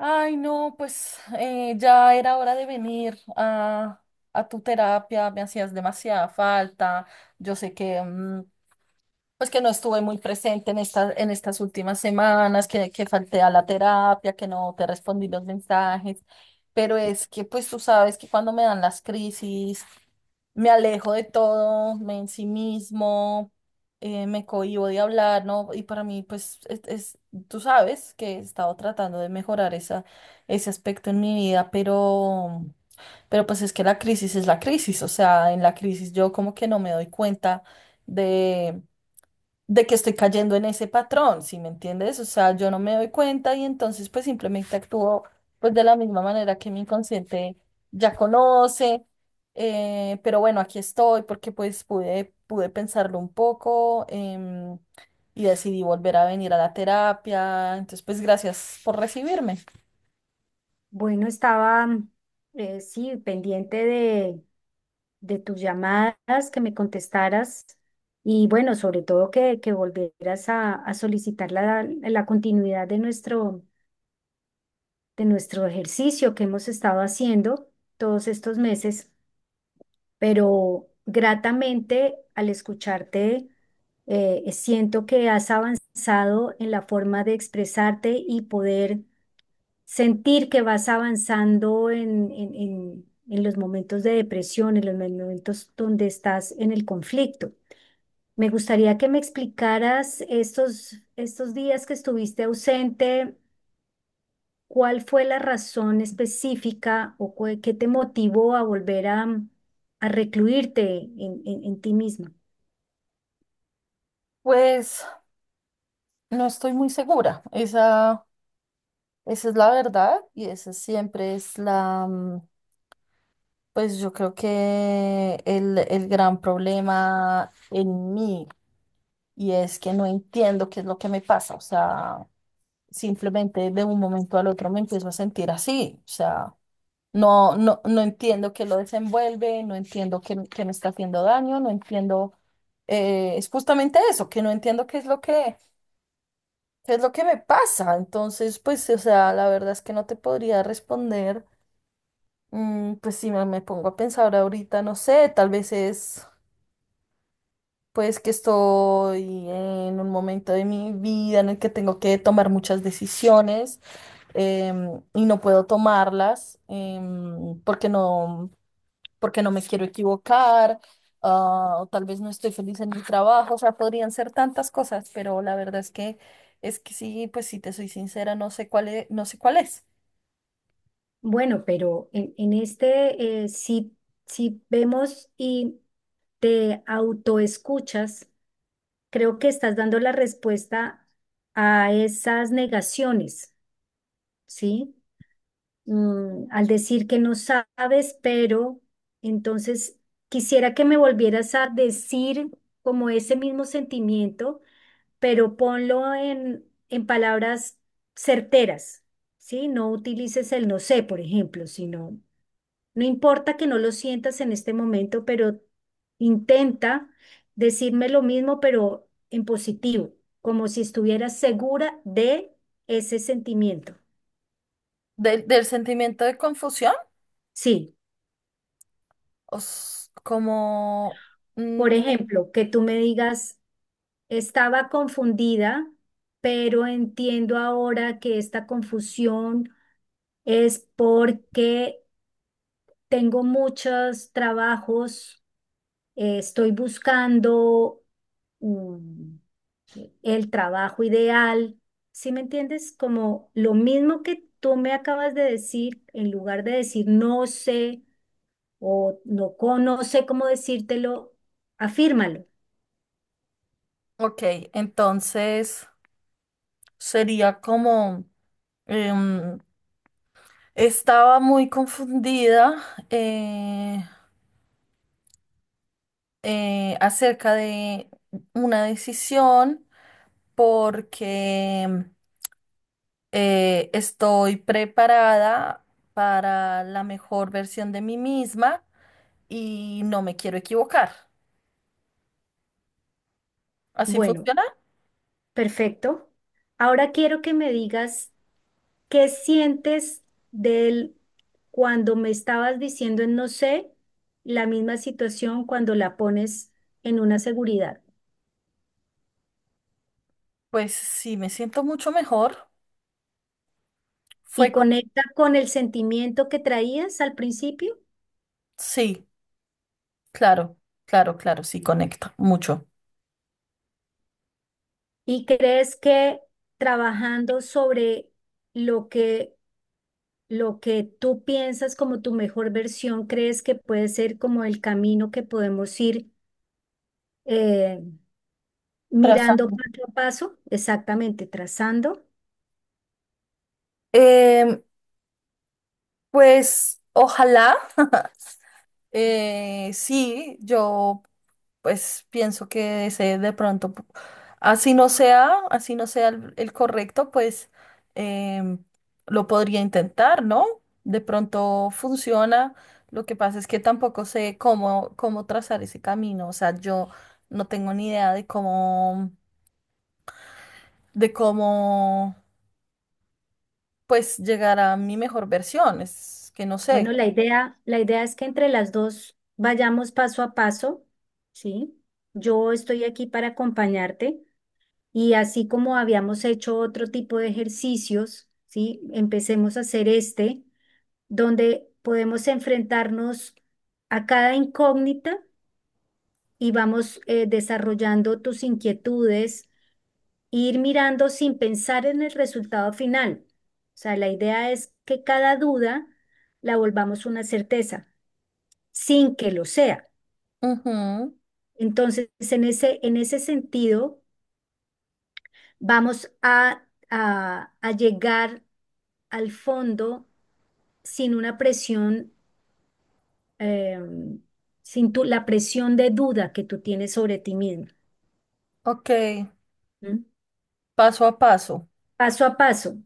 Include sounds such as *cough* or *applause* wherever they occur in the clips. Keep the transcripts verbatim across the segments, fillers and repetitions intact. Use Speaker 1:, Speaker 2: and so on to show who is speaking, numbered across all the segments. Speaker 1: Ay, no, pues eh, ya era hora de venir a, a tu terapia, me hacías demasiada falta. Yo sé que mm, pues que no estuve muy presente en estas en estas últimas semanas, que, que falté a la terapia, que no te respondí los mensajes, pero es que pues tú sabes que cuando me dan las crisis, me alejo de todo, me ensimismo, eh, me cohíbo de hablar, ¿no? Y para mí pues es, es- tú sabes que he estado tratando de mejorar esa, ese aspecto en mi vida, pero, pero pues es que la crisis es la crisis, o sea, en la crisis yo como que no me doy cuenta de que estoy cayendo en ese patrón, ¿sí me entiendes? O sea, yo no me doy cuenta y entonces pues simplemente actúo pues de la misma manera que mi inconsciente ya conoce, eh, pero bueno, aquí estoy porque pues pude, pude pensarlo un poco em, y decidí volver a venir a la terapia, entonces pues gracias por recibirme.
Speaker 2: Bueno, estaba mm, eh, sí pendiente de, de tus llamadas, que me contestaras y bueno, sobre todo que, que volvieras a, a solicitar la, la continuidad de nuestro, de nuestro ejercicio que hemos estado haciendo todos estos meses, pero gratamente al escucharte eh, siento que has avanzado en la forma de expresarte y poder sentir que vas avanzando en, en, en- en los momentos de depresión, en los momentos donde estás en el conflicto. Me gustaría que me explicaras estos, estos días que estuviste ausente, cuál fue la razón específica o cu- qué te motivó a volver a, a recluirte en, en- en ti misma.
Speaker 1: Pues no estoy muy segura, esa, esa es la verdad y esa siempre es la... mm, Pues yo creo que el, el gran problema en mí y es que no entiendo qué es lo que me pasa. O sea, simplemente de un momento al otro me empiezo a sentir así. O sea, no, no, no entiendo qué lo desenvuelve, no entiendo qué, qué me está haciendo daño, no entiendo. eh, es justamente eso, que no entiendo qué es lo que, qué es lo que me pasa. Entonces, pues, o sea, la verdad es que no te podría responder. Mm, pues si me, me pongo a pensar ahorita, no sé, tal vez es. Pues que estoy en un momento de mi vida en el que tengo que tomar muchas decisiones em, y no puedo tomarlas em, porque no, porque no me quiero equivocar, ah, o tal vez no estoy feliz en mi trabajo, o sea, podrían ser tantas cosas, pero la verdad es que es que sí, pues si te soy sincera, no sé cuál es, no sé cuál es.
Speaker 2: Bueno, pero en, en este, eh, si, si vemos y te autoescuchas, creo que estás dando la respuesta a esas negaciones, ¿sí? Mm, al decir que no sabes, pero entonces quisiera que me volvieras a decir como ese mismo sentimiento, pero ponlo en, en palabras certeras, ¿sí? No utilices el no sé, por ejemplo, sino no importa que no lo sientas en este momento, pero intenta decirme lo mismo, pero en positivo, como si estuvieras segura de ese sentimiento.
Speaker 1: Del, del sentimiento de confusión.
Speaker 2: Sí,
Speaker 1: os- como,
Speaker 2: por
Speaker 1: mm,
Speaker 2: ejemplo, que tú me digas, estaba confundida, pero entiendo ahora que esta confusión es porque tengo muchos trabajos, eh, estoy buscando mm, el trabajo ideal. ¿Sí me entiendes? Como lo mismo que tú me acabas de decir, en lugar de decir no sé o no, co- no sé cómo decírtelo, afírmalo.
Speaker 1: ok, entonces sería como... Em, estaba muy confundida, eh, eh, acerca de una decisión porque eh, estoy preparada para la mejor versión de mí misma y no me quiero equivocar. ¿Así
Speaker 2: Bueno,
Speaker 1: funciona?
Speaker 2: perfecto. Ahora quiero que me digas qué sientes del cuando me estabas diciendo en no sé, la misma situación cuando la pones en una seguridad.
Speaker 1: Pues sí, me siento mucho mejor.
Speaker 2: Y
Speaker 1: Fue como...
Speaker 2: conecta con el sentimiento que traías al principio.
Speaker 1: Sí, claro, claro, claro, sí, conecta mucho.
Speaker 2: ¿Y crees que trabajando sobre lo que, lo que tú piensas como tu mejor versión, crees que puede ser como el camino que podemos ir eh, mirando
Speaker 1: Trazando.
Speaker 2: paso a paso? Exactamente, trazando.
Speaker 1: Em, pues ojalá. *laughs* Eh, sí, yo pues pienso que ese de pronto, pu- así no sea, así no sea el, el correcto, pues em, lo podría intentar, ¿no? De pronto funciona. Lo que pasa es que tampoco sé cómo, cómo trazar ese camino. O sea, yo no tengo ni idea de cómo, de cómo pues llegar a mi mejor versión. Es que no sé.
Speaker 2: Bueno, la idea, la idea es que entre las dos vayamos paso a paso, ¿sí? Yo estoy aquí para acompañarte y así como habíamos hecho otro tipo de ejercicios, ¿sí? Empecemos a hacer este, donde podemos enfrentarnos a cada incógnita y vamos eh, desarrollando tus inquietudes, e ir mirando sin pensar en el resultado final. O sea, la idea es que cada duda la volvamos una certeza, sin que lo sea.
Speaker 1: Ujú.
Speaker 2: Entonces, en ese, en ese sentido, vamos a, a, a llegar al fondo sin una presión eh, sin tu, la presión de duda que tú tienes sobre ti mismo,
Speaker 1: Ok,
Speaker 2: ¿m?
Speaker 1: paso a paso.
Speaker 2: Paso a paso.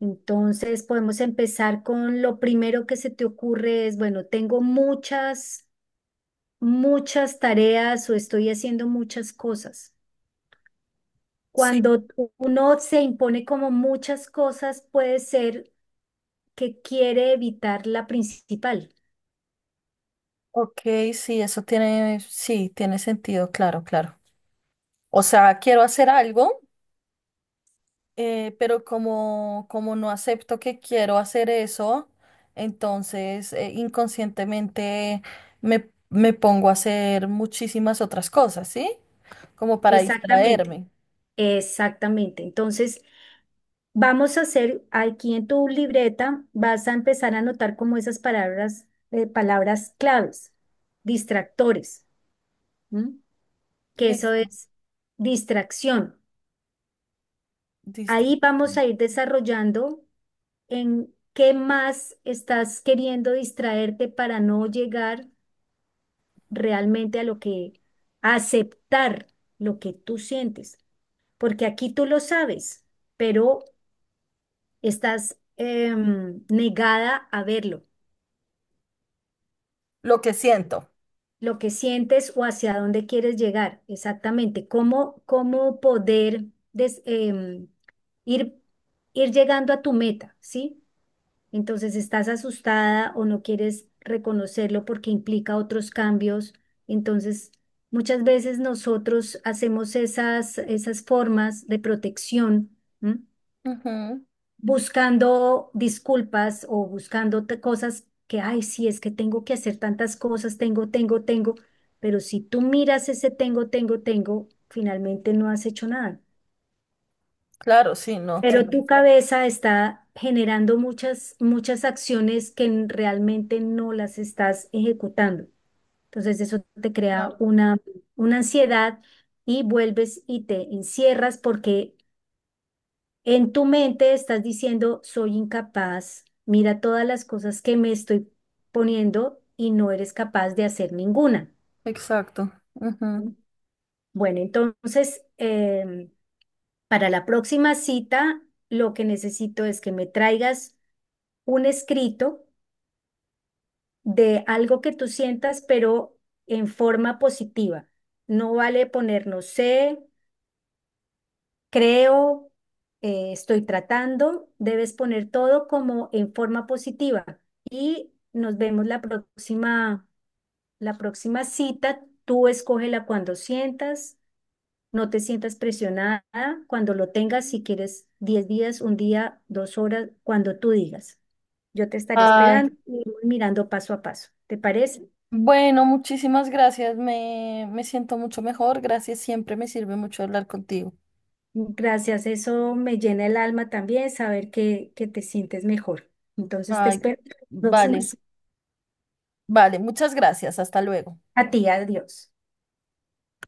Speaker 2: Entonces podemos empezar con lo primero que se te ocurre es, bueno, tengo muchas, muchas tareas o estoy haciendo muchas cosas.
Speaker 1: Sí.
Speaker 2: Cuando uno se impone como muchas cosas, puede ser que quiere evitar la principal.
Speaker 1: Ok, sí, eso tiene, sí, tiene sentido, claro, claro. O sea, quiero hacer algo, eh, pero como, como no acepto que quiero hacer eso, entonces eh, inconscientemente me, me pongo a hacer muchísimas otras cosas, ¿sí? Como para
Speaker 2: Exactamente,
Speaker 1: distraerme.
Speaker 2: exactamente. Entonces, vamos a hacer aquí en tu libreta, vas a empezar a anotar como esas palabras, eh, palabras claves, distractores, ¿m? Que eso
Speaker 1: Listo,
Speaker 2: es distracción.
Speaker 1: listo.
Speaker 2: Ahí vamos a ir desarrollando en qué más estás queriendo distraerte para no llegar realmente a lo que, a aceptar lo que tú sientes, porque aquí tú lo sabes, pero estás em, negada a verlo.
Speaker 1: Lo que siento.
Speaker 2: Lo que sientes o hacia dónde quieres llegar, exactamente, cómo, cómo poder des- em, ir, ir llegando a tu meta, ¿sí? Entonces estás asustada o no quieres reconocerlo porque implica otros cambios. Entonces, muchas veces nosotros hacemos esas, esas formas de protección, ¿m?
Speaker 1: Ujú.
Speaker 2: Buscando disculpas o buscando te- cosas que, ay, sí, es que tengo que hacer tantas cosas, tengo, tengo, tengo, pero si tú miras ese tengo, tengo, tengo, finalmente no has hecho nada.
Speaker 1: Claro, sí, no, tiene.
Speaker 2: Pero tu cabeza está generando muchas, muchas acciones que n- realmente no las estás ejecutando. Entonces eso te crea
Speaker 1: Claro,
Speaker 2: una, una ansiedad y vuelves y te encierras porque en tu mente estás diciendo, soy incapaz, mira todas las cosas que me estoy poniendo y no eres capaz de hacer ninguna.
Speaker 1: exacto. Ujú.
Speaker 2: Bueno, entonces, em, para la próxima cita, lo que necesito es que me traigas un escrito de algo que tú sientas, pero en forma positiva. No vale poner no sé, creo, eh, estoy tratando, debes poner todo como en forma positiva y nos vemos la próxima, la próxima cita. Tú escógela cuando sientas, no te sientas presionada, cuando lo tengas, si quieres diez días, un día, dos horas, cuando tú digas. Yo te estaré
Speaker 1: Ay.
Speaker 2: esperando y iremos mirando paso a paso. ¿Te parece?
Speaker 1: Bueno, muchísimas gracias. Me, me siento mucho mejor. Gracias, siempre me sirve mucho hablar contigo.
Speaker 2: Gracias, eso me llena el alma también, saber que, que te sientes mejor. Entonces te
Speaker 1: Ay,
Speaker 2: espero en la próxima.
Speaker 1: vale, vale, muchas gracias. Hasta luego.
Speaker 2: A ti, adiós.